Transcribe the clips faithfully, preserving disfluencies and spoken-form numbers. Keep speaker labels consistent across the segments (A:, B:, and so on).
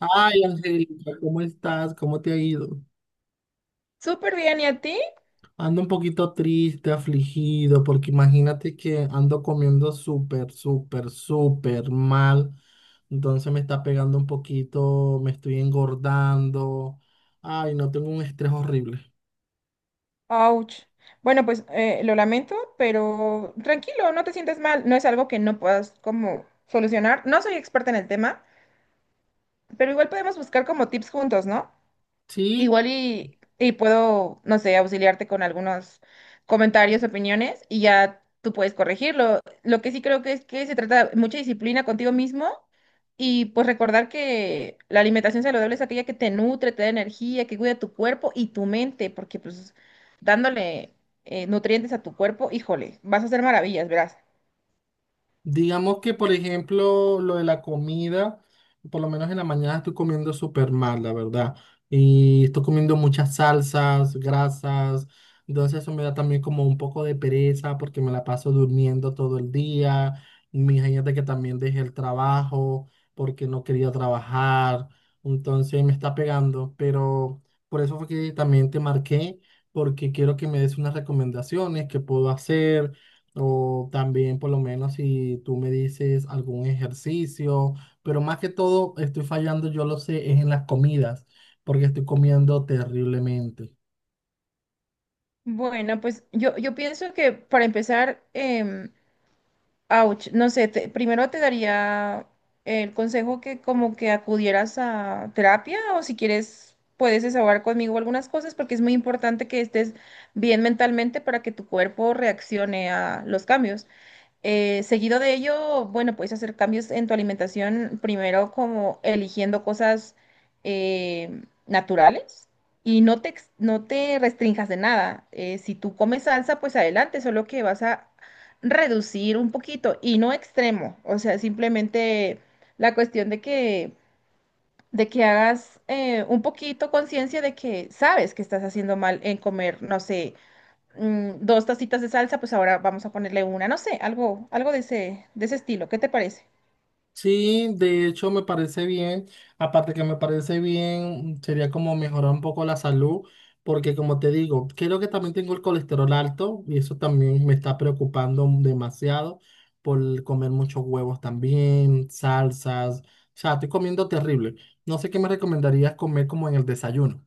A: Ay, Angélica, ¿cómo estás? ¿Cómo te ha ido?
B: Súper bien, ¿y a ti?
A: Ando un poquito triste, afligido, porque imagínate que ando comiendo súper, súper, súper mal. Entonces me está pegando un poquito, me estoy engordando. Ay, no, tengo un estrés horrible.
B: Ouch. Bueno, pues eh, lo lamento, pero tranquilo, no te sientas mal. No es algo que no puedas como solucionar. No soy experta en el tema, pero igual podemos buscar como tips juntos, ¿no?
A: Sí.
B: Igual y, y puedo, no sé, auxiliarte con algunos comentarios, opiniones y ya tú puedes corregirlo. Lo que sí creo que es que se trata de mucha disciplina contigo mismo y pues recordar que la alimentación saludable es aquella que te nutre, te da energía, que cuida tu cuerpo y tu mente, porque pues dándole eh, nutrientes a tu cuerpo, híjole, vas a hacer maravillas, verás.
A: Digamos que, por ejemplo, lo de la comida, por lo menos en la mañana estoy comiendo súper mal, la verdad. Y estoy comiendo muchas salsas, grasas. Entonces eso me da también como un poco de pereza porque me la paso durmiendo todo el día. Imagínate que también dejé el trabajo porque no quería trabajar. Entonces me está pegando. Pero por eso fue que también te marqué porque quiero que me des unas recomendaciones que puedo hacer o también, por lo menos, si tú me dices algún ejercicio, pero más que todo, estoy fallando, yo lo sé, es en las comidas, porque estoy comiendo terriblemente.
B: Bueno, pues yo, yo pienso que para empezar, ouch, no sé, te- primero te daría el consejo que como que acudieras a terapia o si quieres puedes desahogar conmigo algunas cosas porque es muy importante que estés bien mentalmente para que tu cuerpo reaccione a los cambios. Eh, seguido de ello, bueno, puedes hacer cambios en tu alimentación, primero como eligiendo cosas eh, naturales y no te, ex- no te restrinjas de nada. Eh, si tú comes salsa, pues adelante, solo que vas a reducir un poquito y no extremo. O sea, simplemente la cuestión de que, de que hagas eh, un poquito conciencia de que sabes que estás haciendo mal en comer, no sé mm, dos tacitas de salsa, pues ahora vamos a ponerle una, no sé, algo, algo de ese, de ese estilo. ¿Qué te parece?
A: Sí, de hecho me parece bien. Aparte que me parece bien, sería como mejorar un poco la salud, porque como te digo, creo que también tengo el colesterol alto y eso también me está preocupando demasiado por comer muchos huevos también, salsas. O sea, estoy comiendo terrible. No sé qué me recomendarías comer como en el desayuno.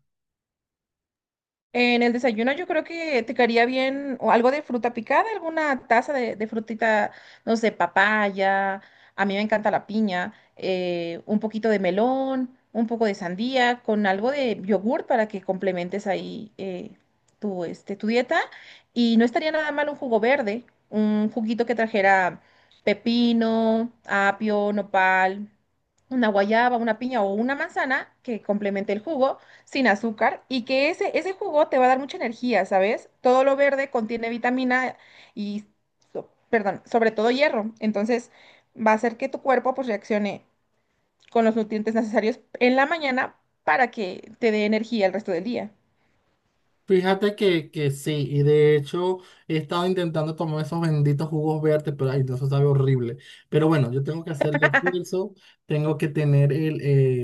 B: En el desayuno yo creo que te quedaría bien o algo de fruta picada, alguna taza de, de frutita, no sé, papaya, a mí me encanta la piña, eh, un poquito de melón, un poco de sandía, con algo de yogur para que complementes ahí eh, tu, este, tu dieta. Y no estaría nada mal un jugo verde, un juguito que trajera pepino, apio, nopal, una guayaba, una piña o una manzana que complemente el jugo sin azúcar y que ese, ese jugo te va a dar mucha energía, ¿sabes? Todo lo verde contiene vitamina y, so- perdón, sobre todo hierro. Entonces va a hacer que tu cuerpo pues reaccione con los nutrientes necesarios en la mañana para que te dé energía el resto del día.
A: Fíjate que, que sí, y de hecho he estado intentando tomar esos benditos jugos verdes, pero ay, no, eso sabe horrible. Pero bueno, yo tengo que hacerle esfuerzo, tengo que tener el,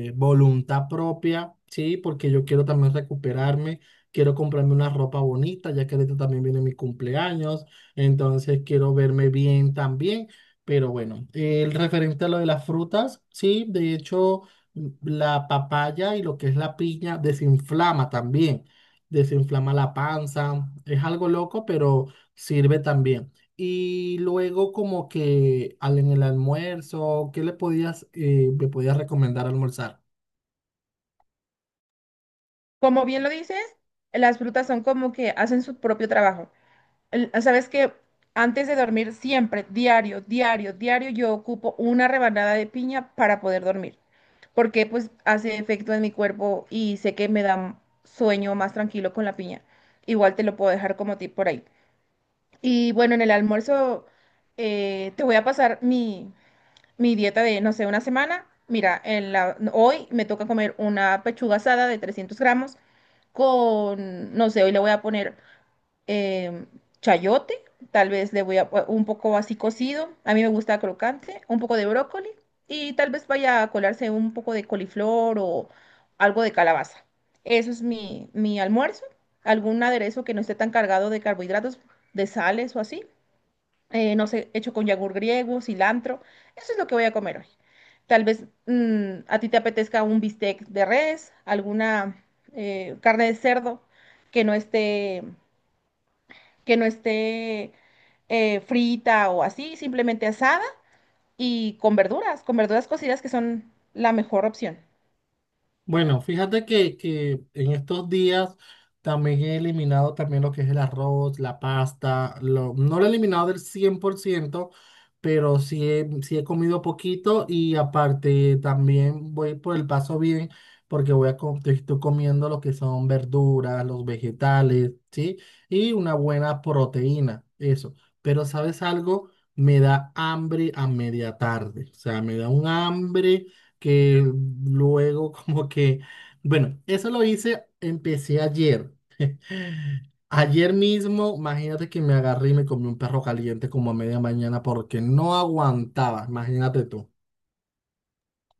A: eh, voluntad propia, sí, porque yo quiero también recuperarme, quiero comprarme una ropa bonita, ya que ahorita también viene mi cumpleaños, entonces quiero verme bien también. Pero bueno, el referente a lo de las frutas, sí, de hecho mm, la papaya y lo que es la piña desinflama también desinflama la panza. Es algo loco, pero sirve también. Y luego como que al- en el almuerzo, ¿qué le podías, eh, me podías recomendar almorzar?
B: Como bien lo dices, las frutas son como que hacen su propio trabajo. el- Sabes que antes de dormir, siempre, diario, diario, diario, yo ocupo una rebanada de piña para poder dormir, porque pues hace efecto en mi cuerpo y sé que me da sueño más tranquilo con la piña. Igual te lo puedo dejar como tip por ahí. Y bueno, en el almuerzo eh, te voy a pasar mi, mi dieta de, no sé, una semana. Mira, en la, hoy me toca comer una pechuga asada de trescientos gramos con, no sé, hoy le voy a poner em, chayote, tal vez le voy a un poco así cocido, a mí me gusta crocante, un poco de brócoli y tal vez vaya a colarse un poco de coliflor o algo de calabaza. Eso es mi, mi almuerzo, algún aderezo que no esté tan cargado de carbohidratos, de sales o así, eh, no sé, hecho con yogur griego, cilantro, eso es lo que voy a comer hoy. Tal vez mm, a ti te apetezca un bistec de res, alguna eh, carne de cerdo que no esté que no esté eh, frita o así, simplemente asada y con verduras, con verduras cocidas que son la mejor opción.
A: Bueno, fíjate que, que en estos días también he eliminado también lo que es el arroz, la pasta, lo- no lo he eliminado del cien por ciento, pero sí he, sí he comido poquito y aparte también voy por el paso bien porque voy a, co- estoy comiendo lo que son verduras, los vegetales, ¿sí? Y una buena proteína, eso. Pero ¿sabes algo? Me da hambre a media tarde, o sea, me da un hambre que luego como que, bueno, eso lo hice, empecé ayer. Ayer mismo, imagínate que me agarré y me comí un perro caliente como a media mañana porque no aguantaba, imagínate tú.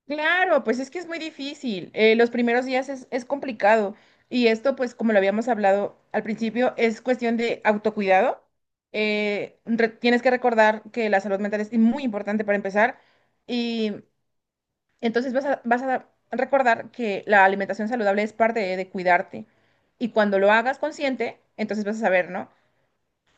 B: Claro, pues es que es muy difícil. eh, los primeros días es, es complicado. Y esto, pues como lo habíamos hablado al principio, es cuestión de autocuidado. eh, re- tienes que recordar que la salud mental es muy importante para empezar. Y entonces vas a, vas a recordar que la alimentación saludable es parte de de cuidarte. Y cuando lo hagas consciente, entonces vas a saber, ¿no?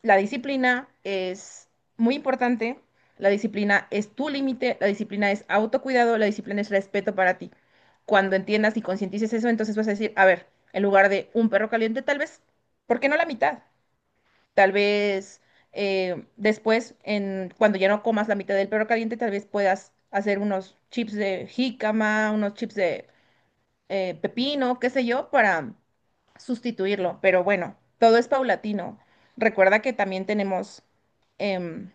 B: La disciplina es muy importante. La disciplina es tu límite, la disciplina es autocuidado, la disciplina es respeto para ti. Cuando entiendas y concientices eso, entonces vas a decir, a ver, en lugar de un perro caliente, tal vez, ¿por qué no la mitad? Tal vez eh, después, en, cuando ya no comas la mitad del perro caliente, tal vez puedas hacer unos chips de jícama, unos chips de eh, pepino, qué sé yo, para sustituirlo. Pero bueno, todo es paulatino. Recuerda que también tenemos em,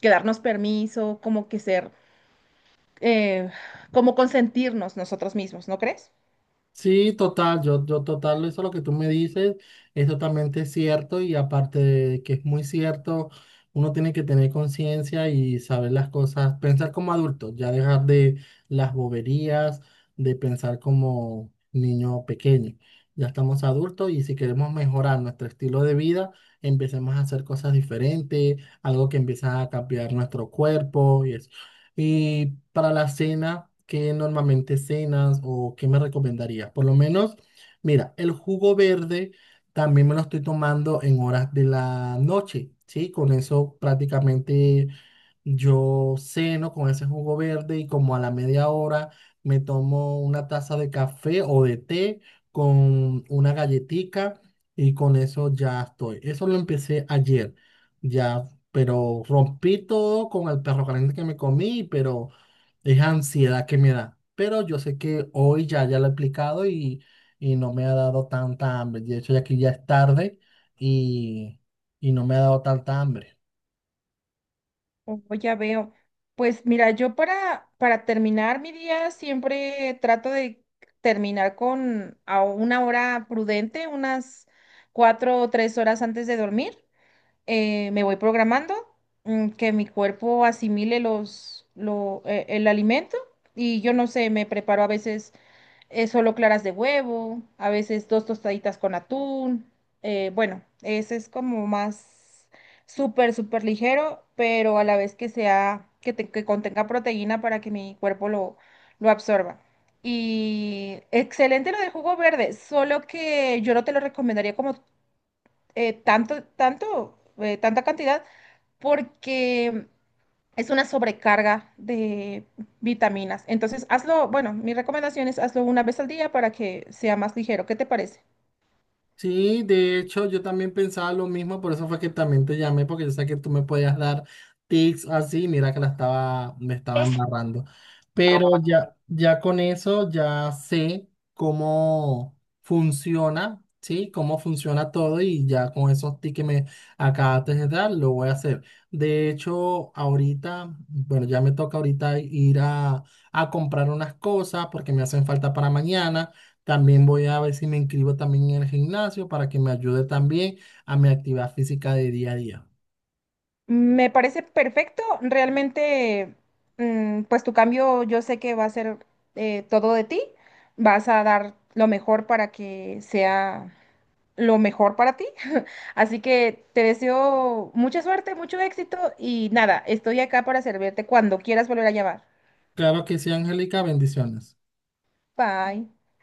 B: que darnos permiso, como que ser, eh, como consentirnos nosotros mismos, ¿no crees?
A: Sí, total, yo, yo total, eso lo que tú me dices es totalmente cierto y aparte de que es muy cierto, uno tiene que tener conciencia y saber las cosas, pensar como adulto, ya dejar de las boberías, de pensar como niño pequeño. Ya estamos adultos y si queremos mejorar nuestro estilo de vida, empecemos a hacer cosas diferentes, algo que empieza a cambiar nuestro cuerpo y eso. Y para la cena, ¿qué normalmente cenas o qué me recomendaría? Por lo menos, mira, el jugo verde también me lo estoy tomando en horas de la noche, ¿sí? Con eso prácticamente yo ceno con ese jugo verde y como a la media hora me tomo una taza de café o de té con una galletica y con eso ya estoy. Eso lo empecé ayer, ya, pero rompí todo con el perro caliente que me comí, pero es ansiedad que me da. Pero yo sé que hoy ya, ya lo he aplicado y, y no me ha dado tanta hambre. De hecho, ya aquí ya es tarde y, y no me ha dado tanta hambre.
B: Oh, ya veo. Pues mira, yo para, para terminar mi día siempre trato de terminar con a una hora prudente, unas cuatro o tres horas antes de dormir. eh, me voy programando, mm, que mi cuerpo asimile los, lo, eh, el alimento y yo no sé, me preparo a veces eh, solo claras de huevo, a veces dos tostaditas con atún. eh, bueno, ese es como más súper, súper ligero, pero a la vez que sea, que, te- que contenga proteína para que mi cuerpo lo, lo absorba. Y excelente lo del jugo verde, solo que yo no te lo recomendaría como eh, tanto, tanto, eh, tanta cantidad, porque es una sobrecarga de vitaminas. Entonces, hazlo, bueno, mi recomendación es hazlo una vez al día para que sea más ligero. ¿Qué te parece?
A: Sí, de hecho, yo también pensaba lo mismo, por eso fue que también te llamé, porque yo sé que tú me podías dar tips así, mira que la estaba, me estaba embarrando. Pero ya, ya con eso ya sé cómo funciona, ¿sí? Cómo funciona todo y ya con esos tips que me acabaste de dar, lo voy a hacer. De hecho, ahorita, bueno, ya me toca ahorita ir a, a comprar unas cosas porque me hacen falta para mañana. También voy a ver si me inscribo también en el gimnasio para que me ayude también a mi actividad física de día a día.
B: Me parece perfecto. Realmente, mm, pues tu cambio yo sé que va a ser eh, todo de ti. Vas a dar lo mejor para que sea lo mejor para ti. Así que te deseo mucha suerte, mucho éxito y nada, estoy acá para servirte cuando quieras volver a llamar.
A: Claro que sí, Angélica, bendiciones.
B: Bye.